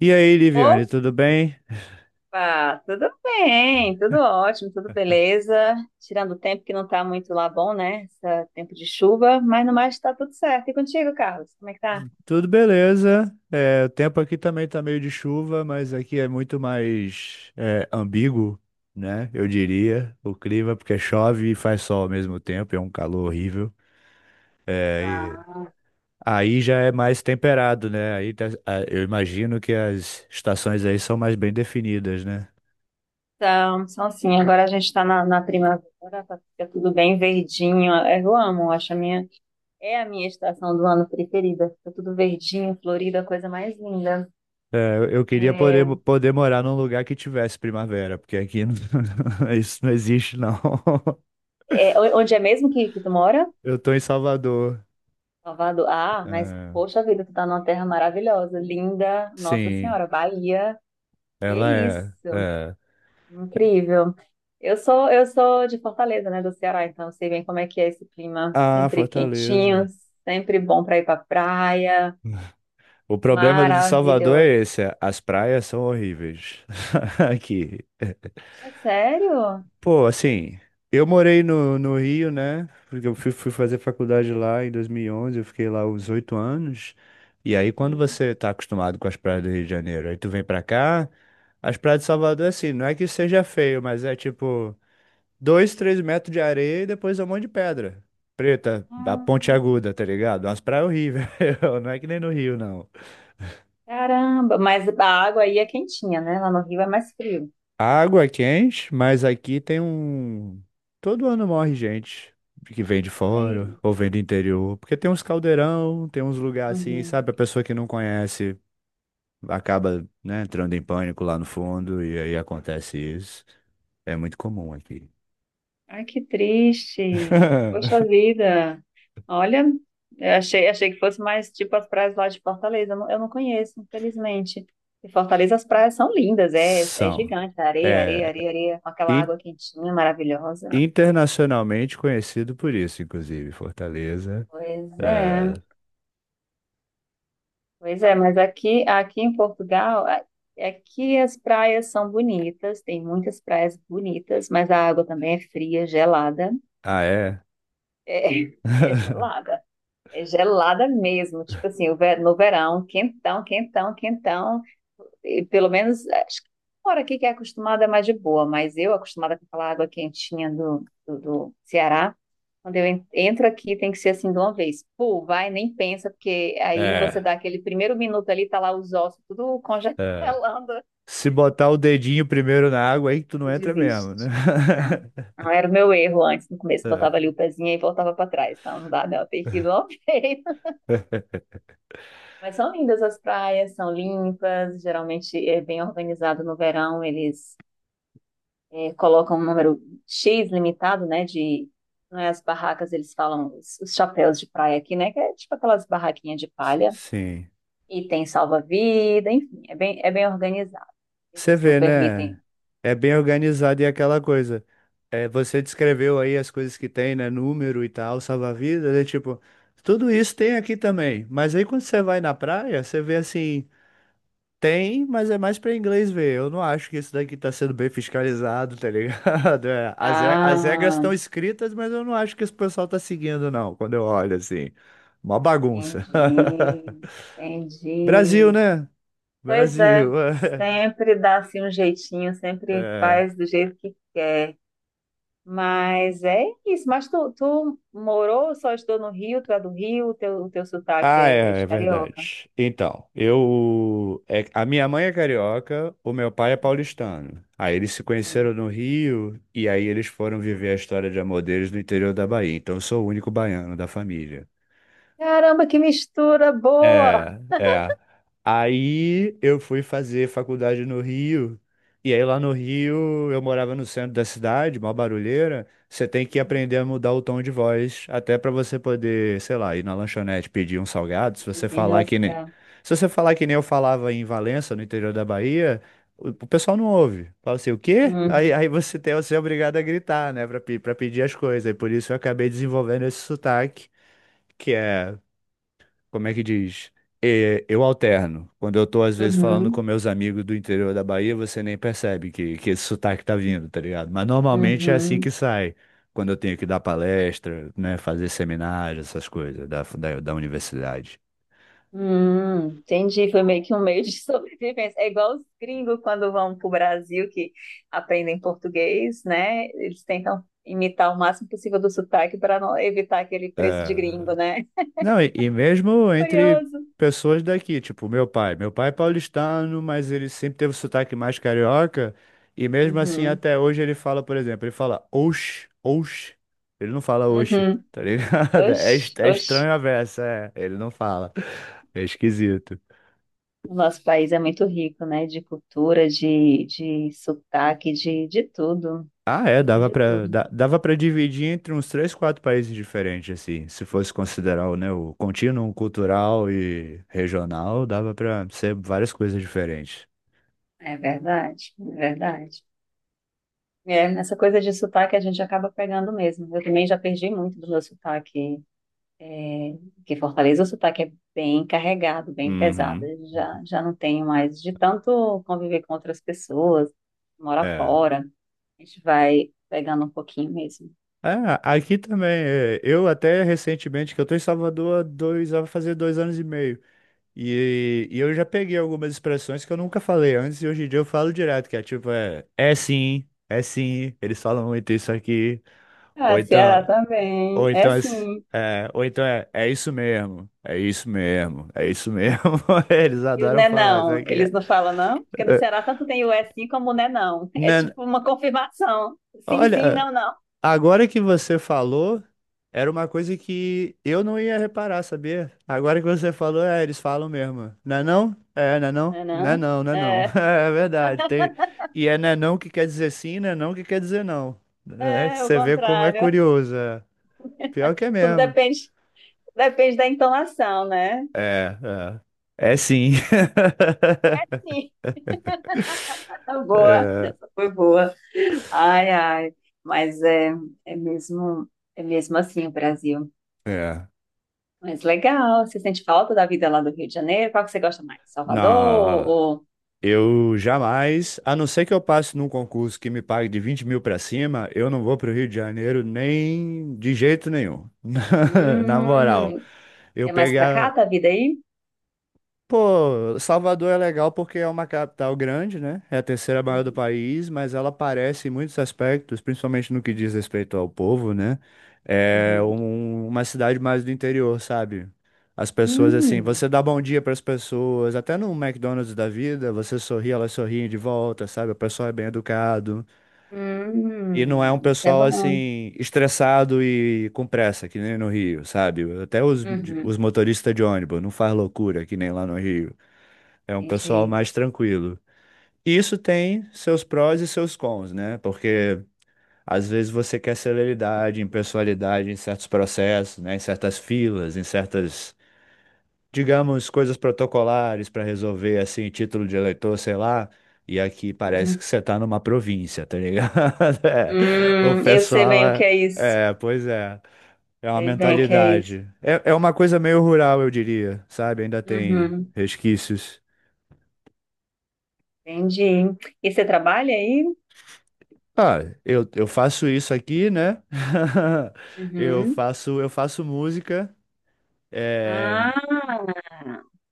E aí, Liviane, Opa, tudo bem? tudo bem, tudo ótimo, tudo beleza. Tirando o tempo que não está muito lá bom, né? Esse tempo de chuva, mas no mais está tudo certo. E contigo, Carlos, como é que tá? Tudo beleza. O tempo aqui também tá meio de chuva, mas aqui é muito mais ambíguo, né? Eu diria, o clima, porque chove e faz sol ao mesmo tempo, é um calor horrível. E Ah, aí já é mais temperado, né? Eu imagino que as estações aí são mais bem definidas, né? então assim, agora a gente está na primavera, tá, fica tudo bem verdinho. É, eu amo, é a minha estação do ano preferida. Fica tudo verdinho, florido, a coisa mais linda. Eu queria poder, É, morar num lugar que tivesse primavera, porque aqui não- isso não existe, não. Onde é mesmo que tu mora? Eu tô em Salvador. Salvador. Ah, mas É, poxa vida, tu tá numa terra maravilhosa, linda. Nossa sim, Senhora, Bahia. Que ela é, isso? é. Incrível. Eu sou de Fortaleza, né, do Ceará, então eu sei bem como é que é esse clima, Ah, sempre quentinho, Fortaleza. sempre bom para ir para praia. O problema do de Salvador é Maravilhoso. esse, as praias são horríveis aqui. É sério? Pô, assim, eu morei no Rio, né? Porque eu fui fazer faculdade lá em 2011, eu fiquei lá uns 8 anos. E aí, quando Uhum. você tá acostumado com as praias do Rio de Janeiro, aí tu vem pra cá, as praias de Salvador, assim, não é que seja feio, mas é tipo. Dois, 3 metros de areia e depois um monte de pedra. Preta, a ponte Ah, aguda, tá ligado? Umas praias horríveis. Não é que nem no Rio, não. caramba, mas a água aí é quentinha, né? Lá no Rio é mais frio. A água é quente, mas aqui tem um. Todo ano morre gente que vem de Ai. fora ou vem do interior. Porque tem uns caldeirão, tem uns lugares assim, Uhum. sabe? A pessoa que não conhece acaba, né, entrando em pânico lá no fundo e aí acontece isso. É muito comum aqui. Ai, que triste. Poxa vida. Olha, eu achei que fosse mais tipo as praias lá de Fortaleza. Eu não conheço, infelizmente. E Fortaleza, as praias são lindas, é São. gigante, areia, É. areia, areia, areia, com aquela água quentinha, maravilhosa. Internacionalmente conhecido por isso, inclusive, Fortaleza. Pois é, É. pois é, mas aqui em Portugal, aqui as praias são bonitas, tem muitas praias bonitas, mas a água também é fria, gelada. Ah, é? É, é gelada. É gelada mesmo, tipo assim, no verão, quentão, quentão, quentão. E pelo menos, acho que fora aqui que é acostumada é mais de boa, mas eu, acostumada com aquela água quentinha do Ceará, quando entro aqui tem que ser assim de uma vez. Pô, vai, nem pensa, porque aí você É, dá aquele primeiro minuto ali, tá lá os ossos tudo congelando, é. Se botar o dedinho primeiro na água, aí tu não e entra mesmo, né? desiste. Não, não era o meu erro antes, no começo, botava ali o pezinho e voltava para trás. Não, não dá, não, tem que ir de uma vez. É. É. Mas são lindas as praias, são limpas, geralmente é bem organizado no verão, eles colocam um número X limitado, né, de, não é, as barracas, eles falam os, chapéus de praia aqui, né, que é tipo aquelas barraquinhas de palha, Sim. e tem salva-vida, enfim, é bem organizado, Você eles não vê, né? permitem. É bem organizado e é aquela coisa. É, você descreveu aí as coisas que tem, né? Número e tal, salva-vidas, é tipo, tudo isso tem aqui também. Mas aí quando você vai na praia, você vê assim. Tem, mas é mais pra inglês ver. Eu não acho que isso daqui tá sendo bem fiscalizado, tá ligado? As regras Ah, estão escritas, mas eu não acho que esse pessoal tá seguindo, não, quando eu olho assim. Uma bagunça. entendi, Brasil, entendi. né? Pois é, Brasil. sempre dá assim um jeitinho, sempre É. faz do jeito que quer. Mas é isso. Mas tu morou, só estudou no Rio, tu é do Rio, o teu sotaque Ah, é é, é de carioca. verdade. Então, eu, a minha mãe é carioca, o meu pai é paulistano. Aí eles se Hum. conheceram no Rio e aí eles foram viver a história de amor deles no interior da Bahia. Então eu sou o único baiano da família. Caramba, que mistura boa! É, é. Aí eu fui fazer faculdade no Rio. E aí lá no Rio, eu morava no centro da cidade, mó barulheira. Você tem que aprender a mudar o tom de voz, até pra você poder, sei lá, ir na lanchonete pedir um salgado. Se você falar que nem, Desenrascar. se você falar que nem eu falava em Valença, no interior da Bahia, o pessoal não ouve. Fala assim, o quê? Aí, Uhum, aí você tem, você é obrigado a gritar, né, pra pedir as coisas. E por isso eu acabei desenvolvendo esse sotaque, que é como é que diz? É, eu alterno. Quando eu tô, às vezes, falando com uhum, meus amigos do interior da Bahia, você nem percebe que esse sotaque tá vindo, tá ligado? Mas normalmente é assim que uhum, sai. Quando eu tenho que dar palestra, né, fazer seminário, essas coisas da universidade. uhum. Entendi, foi meio que um meio de sobrevivência. É igual os gringos quando vão para o Brasil que aprendem português, né? Eles tentam imitar o máximo possível do sotaque para não evitar aquele preço de É, gringo, né? Não, e mesmo entre Curioso. pessoas daqui, tipo meu pai. Meu pai é paulistano, mas ele sempre teve o sotaque mais carioca. E mesmo assim, Uhum, até hoje ele fala, por exemplo, ele fala oxe, oxe. Ele não fala oxe, uhum. tá ligado? Oxe, é oxe. estranho a versa, é. Ele não fala. É esquisito. O nosso país é muito rico, né? De cultura, de sotaque, de tudo. Ah, é, Rico dava de tudo. Dava pra dividir entre uns três, quatro países diferentes, assim. Se fosse considerar, o, né, o contínuo cultural e regional, dava pra ser várias coisas diferentes. É verdade, é verdade. Nessa coisa de sotaque a gente acaba pegando mesmo. Eu também já perdi muito do meu sotaque, que Fortaleza o sotaque é bem carregado, bem pesado. Uhum. Eu já não tenho mais de tanto conviver com outras pessoas, mora É. fora. A gente vai pegando um pouquinho mesmo. Ah, aqui também. Eu até recentemente, que eu tô em Salvador há vai fazer 2 anos e meio. E eu já peguei algumas expressões que eu nunca falei antes e hoje em dia eu falo direto, que é tipo, é, é sim, eles falam muito isso aqui. Ou Ah, então, Ceará também. ou É então, sim. Ou então é, é isso mesmo, é isso mesmo, é isso mesmo. Eles E o adoram né falar isso não, aqui. eles É. não falam não? Porque no Ceará tanto tem o é sim como o né não. É Nan- tipo uma confirmação. Sim, sim, Olha, não, não. agora que você falou, era uma coisa que eu não ia reparar, sabia? Agora que você falou, é, eles falam mesmo. Não é não? É, não é não? Né Não é não? não, não é não. É, É verdade. Tem... E é não que quer dizer sim, não é não que quer dizer não. É, é o você vê como é contrário. curioso. É. Pior que é Tudo mesmo. depende da entonação, né? É, é. É sim. Sim, tá boa. É, Essa foi boa. Ai, ai. Mas é mesmo, é mesmo assim o Brasil. é. Mas legal. Você sente falta da vida lá do Rio de Janeiro? Qual que você gosta mais? Salvador ou... Não. ou- Eu jamais, a não ser que eu passe num concurso que me pague de 20 mil para cima, eu não vou para o Rio de Janeiro nem de jeito nenhum. Na moral, Hum, eu é mais pra cá pegar tá a vida aí? Pô, Salvador é legal porque é uma capital grande, né? É a terceira maior do Uhum, país, mas ela parece em muitos aspectos, principalmente no que diz respeito ao povo, né? É uhum. Uma cidade mais do interior, sabe? As pessoas, assim, Hum, você dá bom dia para as pessoas, até no McDonald's da vida, você sorri, elas sorriem de volta, sabe? O pessoal é bem educado. E não é um isso é pessoal, bom. assim, estressado e com pressa, que nem no Rio, sabe? Até os, Uhum, os motoristas de ônibus não faz loucura, que nem lá no Rio. É um pessoal entendi. mais tranquilo. E isso tem seus prós e seus cons, né? Porque às vezes você quer celeridade, impessoalidade em certos processos, né? Em certas filas, em certas, digamos, coisas protocolares para resolver, assim, título de eleitor, sei lá. E aqui parece Uhum. que você tá numa província, tá ligado? É. O Eu sei pessoal bem o que é. é isso. É, pois é. É uma Sei bem o que é isso. mentalidade. É, é uma coisa meio rural, eu diria, sabe? Ainda tem Uhum, resquícios. entendi. E você trabalha aí? Ah, eu faço isso aqui, né? Uhum. Eu faço música, é, Ah,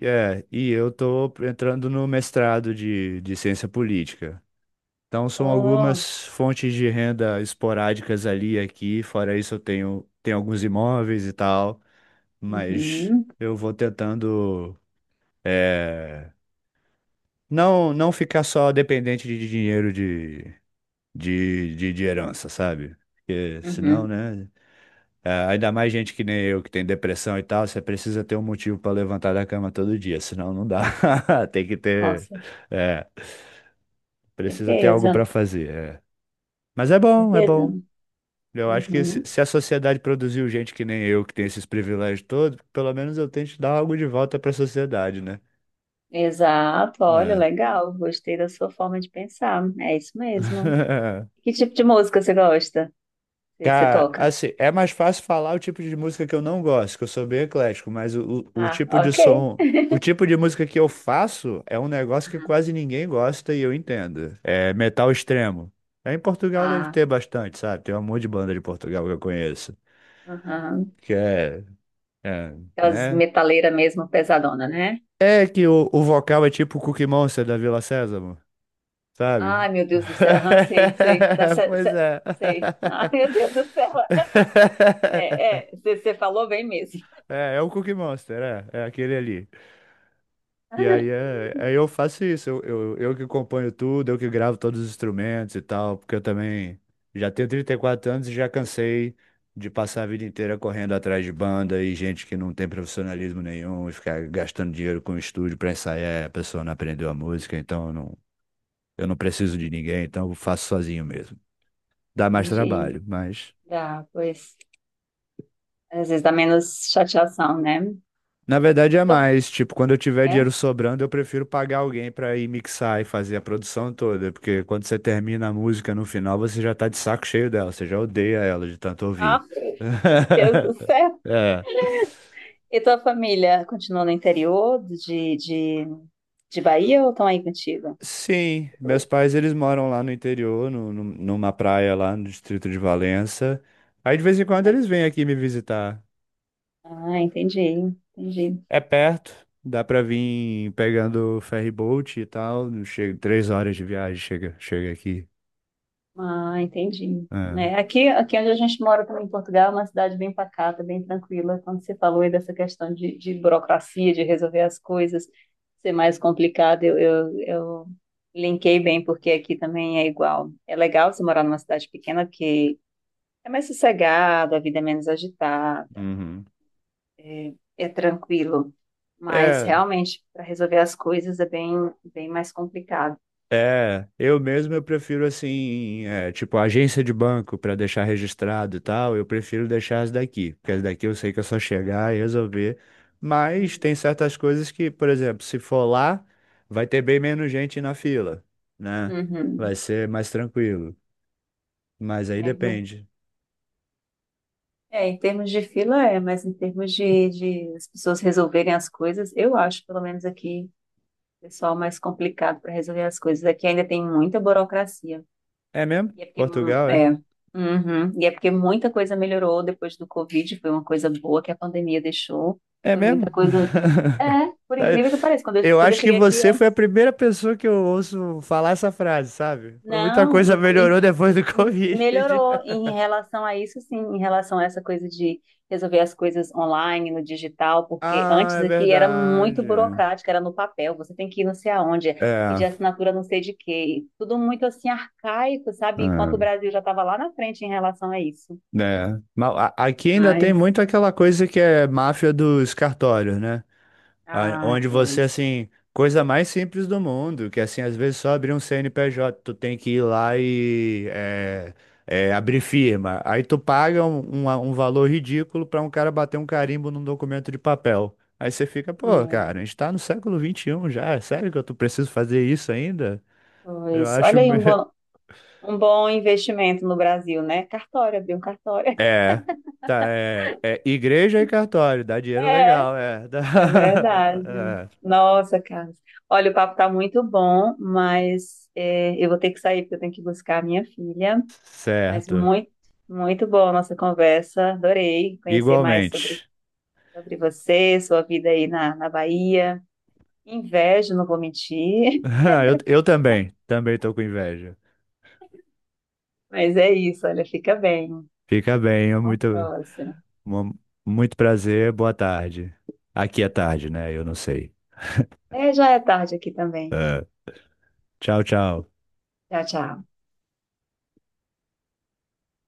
e eu tô entrando no mestrado de ciência política. Então, são oh, algumas fontes de renda esporádicas ali e aqui. Fora isso, eu tenho alguns imóveis e tal, mas uhum, eu vou tentando, é, não ficar só dependente de dinheiro de herança, sabe? Porque senão, uhum, né? É, ainda mais gente que nem eu, que tem depressão e tal, você precisa ter um motivo para levantar da cama todo dia, senão não dá. Tem que ter, com é, precisa ter algo para certeza, fazer. É. Mas é com bom, é certeza. bom. Eu acho que se, Uhum. se a sociedade produziu gente que nem eu, que tem esses privilégios todos, pelo menos eu tento dar algo de volta para a sociedade, né? Exato, olha, É. legal. Gostei da sua forma de pensar. É isso mesmo. Que tipo de música você gosta? Você Cara, toca? assim, é mais fácil falar o tipo de música que eu não gosto, que eu sou bem eclético, mas o Ah, tipo de ok. som, o tipo de música que eu faço é um negócio que quase ninguém gosta e eu entendo. É metal extremo. É, em Portugal deve Ah, ter bastante, sabe? Tem um monte de banda de Portugal que eu conheço. tá. Aham. Que é, é, Aquelas né? metaleiras mesmo, pesadona, né? É que o vocal é tipo o Cookie Monster da Vila Sésamo, sabe? Ai, meu Deus do céu. Aham, sei, sei. Da, se- Pois se- é. Sei. Ai, meu Deus do céu. É, é, você falou bem mesmo. É, é o Cookie Monster, é, é aquele ali. E aí, é, aí eu faço isso, eu que componho tudo, eu que gravo todos os instrumentos e tal, porque eu também já tenho 34 anos e já cansei de passar a vida inteira correndo atrás de banda e gente que não tem profissionalismo nenhum e ficar gastando dinheiro com o estúdio pra ensaiar, a pessoa não aprendeu a música, então eu não preciso de ninguém, então eu faço sozinho mesmo. Dá mais Entendi. trabalho, mas Dá, pois. Às vezes dá menos chateação, né? Na verdade E é tua, mais, tipo, quando eu tiver é? dinheiro sobrando, eu prefiro pagar alguém pra ir mixar e fazer a produção toda, porque quando você termina a música no final, você já tá de saco cheio dela, você já odeia ela de tanto Ah, ouvir. meu Deus do céu. É. E tua família continua no interior de, de Bahia ou estão aí contigo? Sim, meus pais eles moram lá no interior, numa praia lá no distrito de Valença. Aí de vez em quando Mas- eles vêm aqui me visitar. ah, entendi. Entendi. É perto, dá pra vir pegando ferry boat e tal, chega 3 horas de viagem, chega, chega aqui. Ah, entendi. É. É, aqui onde a gente mora também em Portugal, é uma cidade bem pacata, bem tranquila. Quando você falou aí dessa questão de burocracia, de resolver as coisas, ser mais complicado, eu linkei bem, porque aqui também é igual. É legal você morar numa cidade pequena, porque é mais sossegado, a vida é menos agitada, Uhum. é tranquilo. Mas É, realmente, para resolver as coisas é bem, bem mais complicado. é. Eu mesmo eu prefiro assim, é, tipo agência de banco para deixar registrado e tal. Eu prefiro deixar as daqui, porque as daqui eu sei que é só chegar e resolver. Mas tem Uhum. certas coisas que, por exemplo, se for lá, vai ter bem menos gente na fila, né? Vai Uhum. ser mais tranquilo. Mas aí É. depende. É, em termos de fila é, mas em termos de as pessoas resolverem as coisas, eu acho, pelo menos aqui, o pessoal mais complicado para resolver as coisas. Aqui ainda tem muita burocracia. É mesmo? E é porque, hum, Portugal, é? é, uhum, e é porque muita coisa melhorou depois do Covid, foi uma coisa boa que a pandemia deixou. É Foi mesmo? muita coisa. É, por incrível que pareça, quando eu, Eu quando eu acho que cheguei aqui, você foi a antes, primeira pessoa que eu ouço falar essa frase, sabe? Foi muita não, coisa melhorou depois do Covid. melhorou em relação a isso, sim, em relação a essa coisa de resolver as coisas online, no digital, porque Ah, antes é aqui era muito verdade. burocrático, era no papel, você tem que ir não sei aonde, É, pedir assinatura não sei de quê, e tudo muito assim arcaico, sabe? Enquanto o é, Brasil já estava lá na frente em relação a isso. né? Mas aqui ainda tem Mas, muito aquela coisa que é máfia dos cartórios, né? Ah, onde você, pois, assim, coisa mais simples do mundo, que, assim, às vezes só abrir um CNPJ, tu tem que ir lá é, abrir firma. Aí tu paga um valor ridículo pra um cara bater um carimbo num documento de papel. Aí você fica, pô, é, cara, a gente tá no século 21 já, é sério que eu tô preciso fazer isso ainda? Eu pois, acho... olha aí um bom, um bom investimento no Brasil, né? Cartório, abrir um cartório. É, tá, é, é igreja e cartório, dá dinheiro legal, é. dá- É verdade. é, Nossa, Carlos. Olha, o papo tá muito bom, mas eu vou ter que sair porque eu tenho que buscar a minha filha. Mas certo. muito, muito boa a nossa conversa. Adorei conhecer mais sobre, Igualmente. sobre você, sua vida aí na Bahia. Invejo, não vou mentir. Eu também, também tô com inveja. Mas é isso, olha, fica bem. Fica bem, é Até a muito, próxima. mu- muito prazer, boa tarde. Aqui é tarde, né? Eu não sei. É, já é tarde aqui também. Ah, tchau, tchau. Tchau, tchau.